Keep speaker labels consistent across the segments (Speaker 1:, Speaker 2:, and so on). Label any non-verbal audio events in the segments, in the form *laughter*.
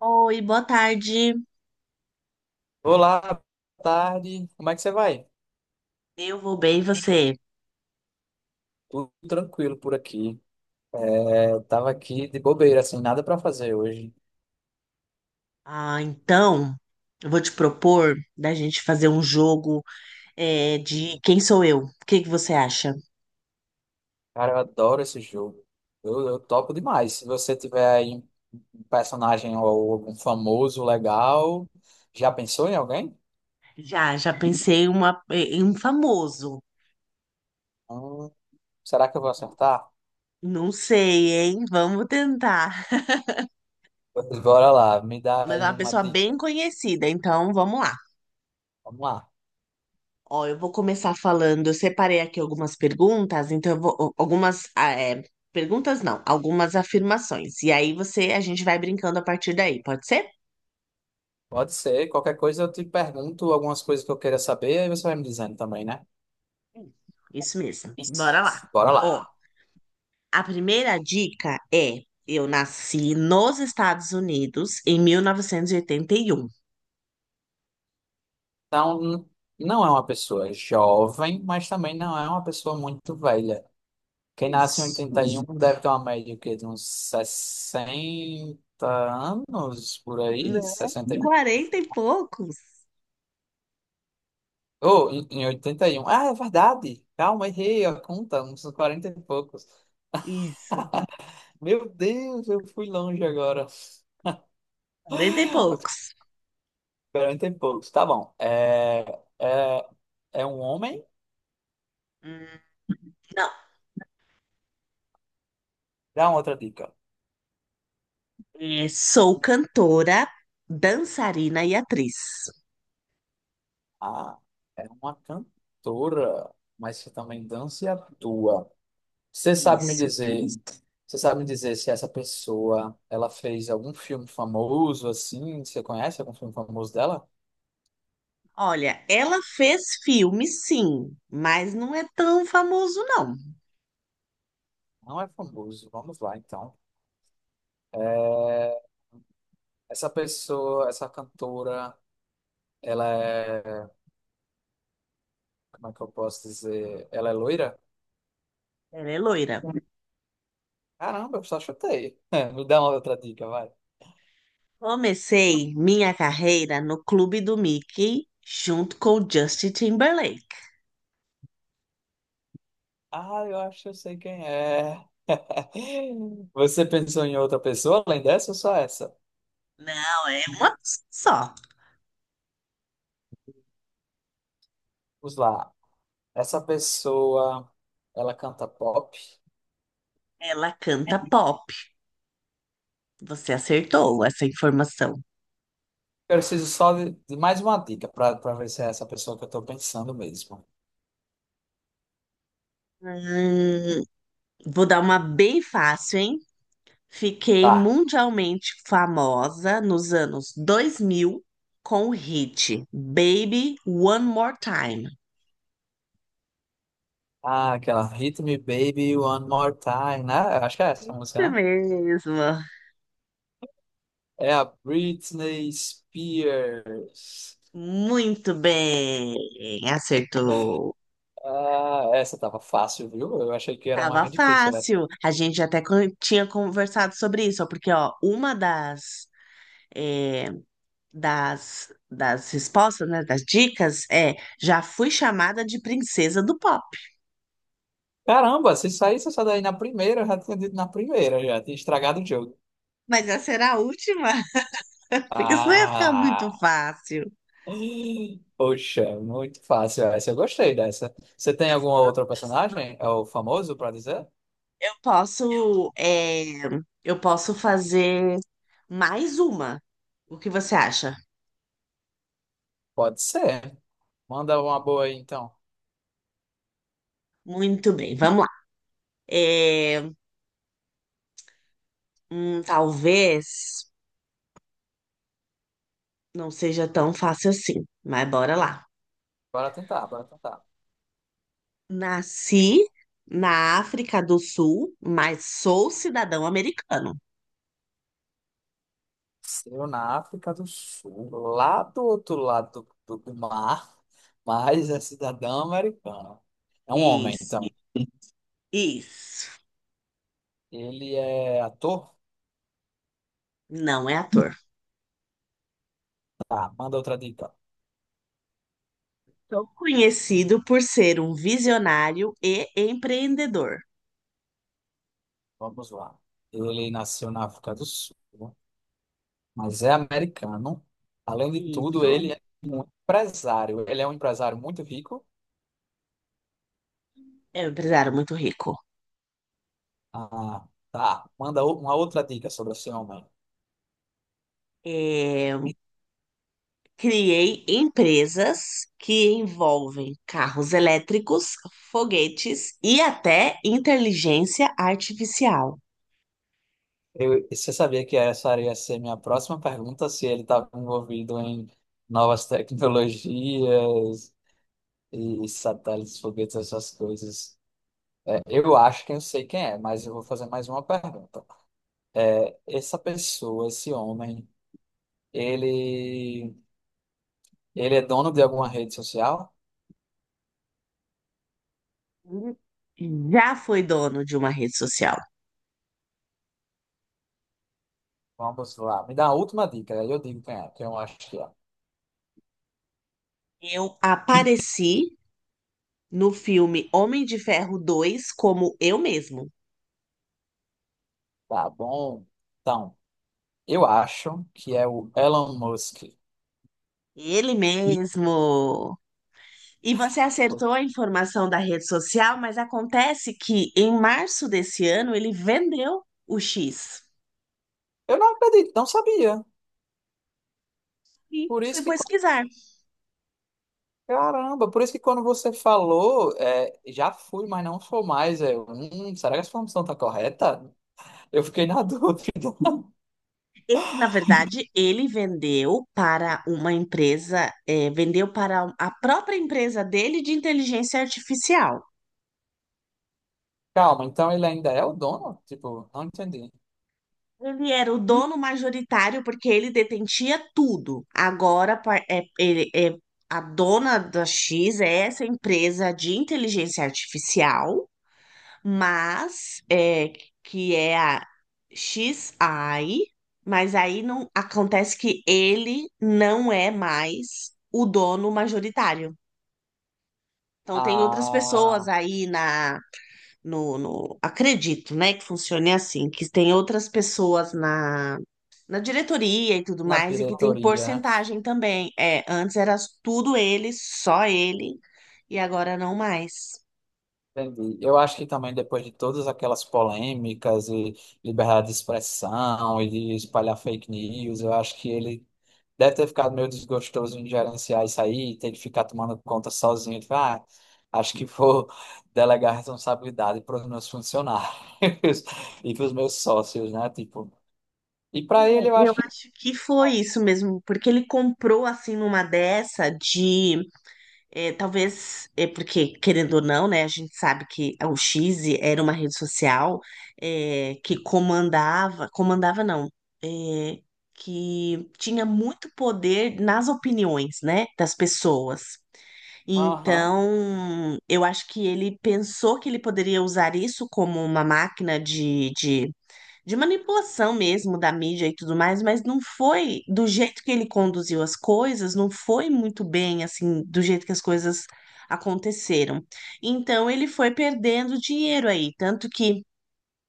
Speaker 1: Oi, boa tarde.
Speaker 2: Olá, boa tarde. Como é que você vai?
Speaker 1: Eu vou bem, e você?
Speaker 2: Tudo tranquilo por aqui. É, tava aqui de bobeira, assim, nada pra fazer hoje.
Speaker 1: Ah, então, eu vou te propor da gente fazer um jogo, de quem sou eu? O que que você acha?
Speaker 2: Cara, eu adoro esse jogo. Eu topo demais. Se você tiver aí um personagem ou algum famoso legal, já pensou em alguém?
Speaker 1: Já, pensei em um famoso.
Speaker 2: Hum, Será que eu vou acertar?
Speaker 1: Não sei, hein? Vamos tentar.
Speaker 2: Pois bora lá, me dá
Speaker 1: Mas é
Speaker 2: aí
Speaker 1: uma
Speaker 2: uma
Speaker 1: pessoa bem
Speaker 2: dica.
Speaker 1: conhecida, então vamos lá.
Speaker 2: Vamos lá.
Speaker 1: Ó, eu vou começar falando. Eu separei aqui algumas perguntas, então eu vou. Algumas. Perguntas não, algumas afirmações. E aí você, a gente vai brincando a partir daí, pode ser?
Speaker 2: Pode ser, qualquer coisa eu te pergunto algumas coisas que eu queira saber, aí você vai me dizendo também, né?
Speaker 1: Isso mesmo. Bora
Speaker 2: Isso.
Speaker 1: lá.
Speaker 2: Bora
Speaker 1: Ó,
Speaker 2: lá.
Speaker 1: a primeira dica é: eu nasci nos Estados Unidos em mil novecentos e oitenta e um.
Speaker 2: Então, não é uma pessoa jovem, mas também não é uma pessoa muito velha. Quem nasce em
Speaker 1: Isso.
Speaker 2: 81 deve ter uma média o quê, de uns 60 anos por
Speaker 1: Né?
Speaker 2: aí, 61.
Speaker 1: Quarenta e poucos.
Speaker 2: Oh, em 81. Ah, é verdade. Calma, errei a conta, uns 40 e poucos.
Speaker 1: Isso.
Speaker 2: Meu Deus, eu fui longe agora.
Speaker 1: Quarenta e
Speaker 2: *laughs* 40
Speaker 1: poucos.
Speaker 2: e poucos, tá bom. É, é um homem?
Speaker 1: Hum, Não.
Speaker 2: Dá uma outra dica.
Speaker 1: Sou cantora, dançarina e atriz.
Speaker 2: Ah, é uma cantora, mas que também dança e atua. Você sabe me
Speaker 1: Isso.
Speaker 2: dizer, você sabe me dizer se essa pessoa, ela fez algum filme famoso assim? Você conhece algum filme famoso dela?
Speaker 1: Olha, ela fez filme, sim, mas não é tão famoso, não.
Speaker 2: Não é famoso. Vamos lá, então. É, essa pessoa, essa cantora, ela é, como é que eu posso dizer? Ela é loira?
Speaker 1: Ela é loira.
Speaker 2: Caramba, eu só chutei. *laughs* Me dá uma outra dica, vai.
Speaker 1: Comecei minha carreira no Clube do Mickey junto com o Justin Timberlake.
Speaker 2: Ah, eu acho que eu sei quem é. *laughs* Você pensou em outra pessoa além dessa ou só essa?
Speaker 1: Não, é uma só.
Speaker 2: Vamos lá. Essa pessoa, ela canta pop.
Speaker 1: Ela canta pop. Você acertou essa informação.
Speaker 2: Eu preciso só de mais uma dica para ver se é essa pessoa que eu tô pensando mesmo.
Speaker 1: Hum, Vou dar uma bem fácil, hein? Fiquei
Speaker 2: Tá.
Speaker 1: mundialmente famosa nos anos 2000 com o hit Baby One More Time.
Speaker 2: Ah, aquela Hit Me Baby One More Time, né? Eu acho que é essa a
Speaker 1: Isso
Speaker 2: música, né?
Speaker 1: mesmo.
Speaker 2: É a Britney Spears.
Speaker 1: Muito bem, acertou.
Speaker 2: Ah, essa tava fácil, viu? Eu achei que era
Speaker 1: Tava
Speaker 2: mais difícil, né?
Speaker 1: fácil. A gente até tinha conversado sobre isso, ó, porque ó, uma é, das respostas, né, das dicas é já fui chamada de princesa do pop.
Speaker 2: Caramba, se saísse essa daí na primeira, eu já tinha dito na primeira, já tinha estragado o jogo.
Speaker 1: Mas essa era a última, *laughs* porque senão ia ficar muito
Speaker 2: Ah.
Speaker 1: fácil.
Speaker 2: Poxa, muito fácil essa. Eu gostei dessa. Você tem algum outro personagem? É o famoso pra dizer?
Speaker 1: Eu posso, é, eu posso fazer mais uma. O que você acha?
Speaker 2: Pode ser. Manda uma boa aí, então.
Speaker 1: Muito bem, vamos lá. É, Talvez não seja tão fácil assim, mas bora lá.
Speaker 2: Bora tentar, bora tentar.
Speaker 1: Nasci na África do Sul, mas sou cidadão americano.
Speaker 2: Eu na África do Sul, lá do outro lado do mar, mas é cidadão americano. É um homem,
Speaker 1: Isso,
Speaker 2: então.
Speaker 1: isso.
Speaker 2: Ele é ator?
Speaker 1: Não é ator.
Speaker 2: Tá, manda outra dica.
Speaker 1: Sou conhecido por ser um visionário e empreendedor.
Speaker 2: Vamos lá. Ele nasceu na África do Sul. Mas é americano. Além de tudo,
Speaker 1: Isso
Speaker 2: ele é um empresário. Ele é um empresário muito rico.
Speaker 1: é um empresário muito rico.
Speaker 2: Ah, tá. Manda uma outra dica sobre esse homem.
Speaker 1: É, Criei empresas que envolvem carros elétricos, foguetes e até inteligência artificial.
Speaker 2: Você sabia que essa iria ser minha próxima pergunta, se ele estava envolvido em novas tecnologias e satélites, foguetes, essas coisas. É, eu acho que eu sei quem é, mas eu vou fazer mais uma pergunta. Essa pessoa, esse homem, ele, ele é dono de alguma rede social?
Speaker 1: Já fui dono de uma rede social.
Speaker 2: Vamos lá. Me dá a última dica, aí eu digo quem é, quem eu acho que é.
Speaker 1: Eu apareci no filme Homem de Ferro 2 como eu mesmo.
Speaker 2: Tá bom. Então, eu acho que é o Elon Musk.
Speaker 1: Ele mesmo. E você acertou a informação da rede social, mas acontece que em março desse ano ele vendeu o X.
Speaker 2: Eu não acredito, não sabia.
Speaker 1: E
Speaker 2: Por
Speaker 1: fui
Speaker 2: isso que,
Speaker 1: pesquisar.
Speaker 2: caramba, por isso que quando você falou, é, já fui, mas não sou mais. Será que essa informação tá correta? Eu fiquei na *laughs* dúvida.
Speaker 1: Ele, na verdade, ele vendeu para uma empresa, vendeu para a própria empresa dele de inteligência artificial.
Speaker 2: Calma, então ele ainda é o dono? Tipo, não entendi.
Speaker 1: Ele era o dono majoritário porque ele detentia tudo. Agora a dona da X é essa empresa de inteligência artificial, mas é, que é a XI, mas aí não acontece que ele não é mais o dono majoritário. Então tem outras
Speaker 2: Ah,
Speaker 1: pessoas aí na no, no acredito, né, que funcione assim, que tem outras pessoas na diretoria e tudo
Speaker 2: na
Speaker 1: mais, e que tem
Speaker 2: diretoria.
Speaker 1: porcentagem também. Antes era tudo ele, só ele, e agora não mais.
Speaker 2: Entendi. Eu acho que também depois de todas aquelas polêmicas e liberdade de expressão e de espalhar fake news, eu acho que ele deve ter ficado meio desgostoso em gerenciar isso aí, ter que ficar tomando conta sozinho. Ele fala, ah, acho que vou *laughs* delegar responsabilidade para os meus funcionários *laughs* e para os meus sócios, né? Tipo, e para ele
Speaker 1: É,
Speaker 2: eu
Speaker 1: Eu
Speaker 2: acho que,
Speaker 1: acho que foi isso mesmo, porque ele comprou assim numa dessa de talvez é porque querendo ou não, né? A gente sabe que o X era uma rede social, que comandava, comandava não, é, que tinha muito poder nas opiniões, né, das pessoas.
Speaker 2: aham.
Speaker 1: Então, eu acho que ele pensou que ele poderia usar isso como uma máquina de manipulação mesmo da mídia e tudo mais, mas não foi do jeito que ele conduziu as coisas, não foi muito bem assim, do jeito que as coisas aconteceram. Então, ele foi perdendo dinheiro aí, tanto que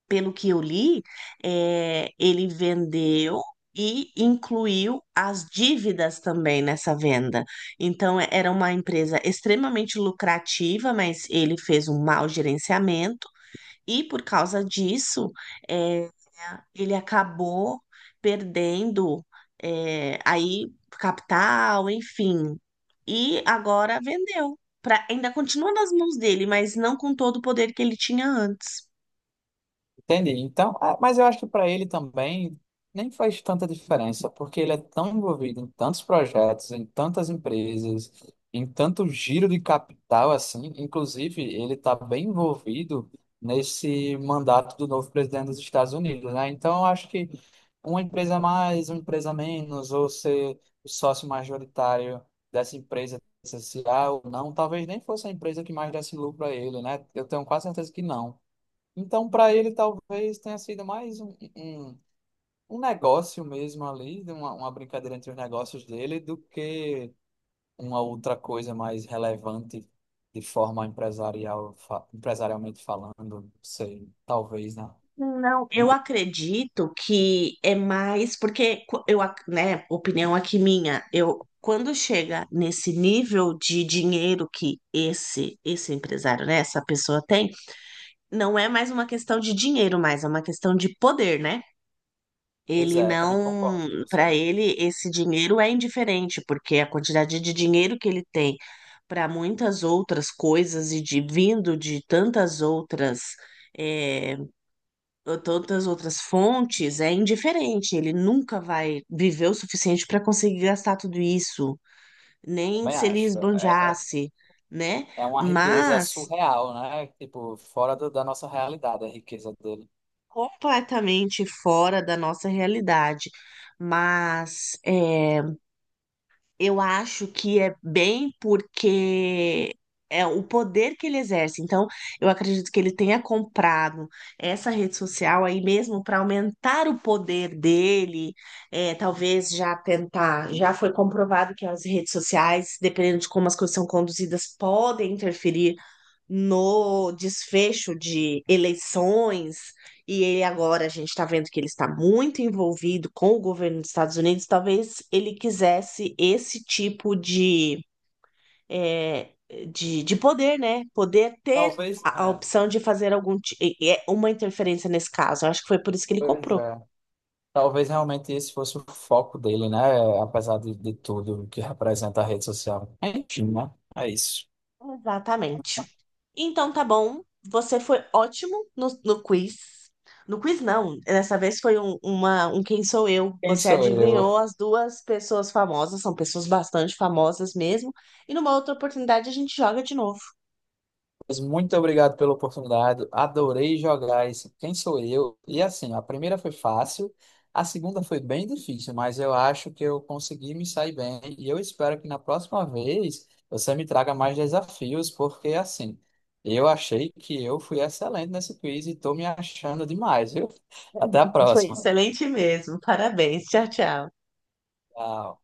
Speaker 1: pelo que eu li, ele vendeu e incluiu as dívidas também nessa venda. Então, era uma empresa extremamente lucrativa, mas ele fez um mau gerenciamento e, por causa disso, é, ele acabou perdendo aí capital, enfim, e agora vendeu. Pra, ainda continua nas mãos dele, mas não com todo o poder que ele tinha antes.
Speaker 2: Entendi. Então, ah, mas eu acho que para ele também nem faz tanta diferença, porque ele é tão envolvido em tantos projetos, em tantas empresas, em tanto giro de capital assim. Inclusive, ele está bem envolvido nesse mandato do novo presidente dos Estados Unidos, né? Então, eu acho que uma empresa a mais, uma empresa a menos, ou ser o sócio majoritário dessa empresa, se há ou não, talvez nem fosse a empresa que mais desse lucro a ele, né? Eu tenho quase certeza que não. Então, para ele, talvez tenha sido mais um, um negócio mesmo ali, de uma brincadeira entre os negócios dele, do que uma outra coisa mais relevante de forma empresarial, empresarialmente falando, não sei, talvez, né?
Speaker 1: Não, eu acredito que é mais porque né, opinião aqui minha, eu quando chega nesse nível de dinheiro que esse empresário, né, essa pessoa tem, não é mais uma questão de dinheiro, mas é uma questão de poder, né?
Speaker 2: Pois
Speaker 1: Ele
Speaker 2: é, também concordo
Speaker 1: não,
Speaker 2: com você.
Speaker 1: para ele esse dinheiro é indiferente, porque a quantidade de dinheiro que ele tem para muitas outras coisas e de vindo de tantas outras eh, tantas outras fontes, é indiferente. Ele nunca vai viver o suficiente para conseguir gastar tudo isso, nem
Speaker 2: Também
Speaker 1: se ele
Speaker 2: acho. É, é,
Speaker 1: esbanjasse, né?
Speaker 2: é uma riqueza
Speaker 1: Mas
Speaker 2: surreal, né? Tipo, fora da nossa realidade, a riqueza dele.
Speaker 1: completamente fora da nossa realidade. Mas é, Eu acho que é bem porque é o poder que ele exerce. Então, eu acredito que ele tenha comprado essa rede social aí mesmo para aumentar o poder dele. Talvez já tentar. Já foi comprovado que as redes sociais, dependendo de como as coisas são conduzidas, podem interferir no desfecho de eleições. E ele agora, a gente está vendo que ele está muito envolvido com o governo dos Estados Unidos. Talvez ele quisesse esse tipo é, de poder, né? Poder ter
Speaker 2: Talvez,
Speaker 1: a
Speaker 2: é,
Speaker 1: opção de fazer algum ti- e é uma interferência nesse caso. Eu acho que foi por isso que ele
Speaker 2: pois
Speaker 1: comprou.
Speaker 2: é. Talvez realmente esse fosse o foco dele, né? Apesar de tudo que representa a rede social. Enfim, né? É isso.
Speaker 1: Exatamente. Então tá bom, você foi ótimo no quiz. No quiz não, dessa vez foi um Quem Sou Eu.
Speaker 2: Quem
Speaker 1: Você
Speaker 2: sou eu?
Speaker 1: adivinhou as duas pessoas famosas, são pessoas bastante famosas mesmo. E numa outra oportunidade a gente joga de novo.
Speaker 2: Mas muito obrigado pela oportunidade. Adorei jogar esse Quem sou eu? E assim, a primeira foi fácil, a segunda foi bem difícil, mas eu acho que eu consegui me sair bem. E eu espero que na próxima vez você me traga mais desafios, porque assim, eu achei que eu fui excelente nesse quiz e estou me achando demais, viu? Até a
Speaker 1: Foi
Speaker 2: próxima.
Speaker 1: excelente mesmo, parabéns, tchau, tchau.
Speaker 2: Tchau.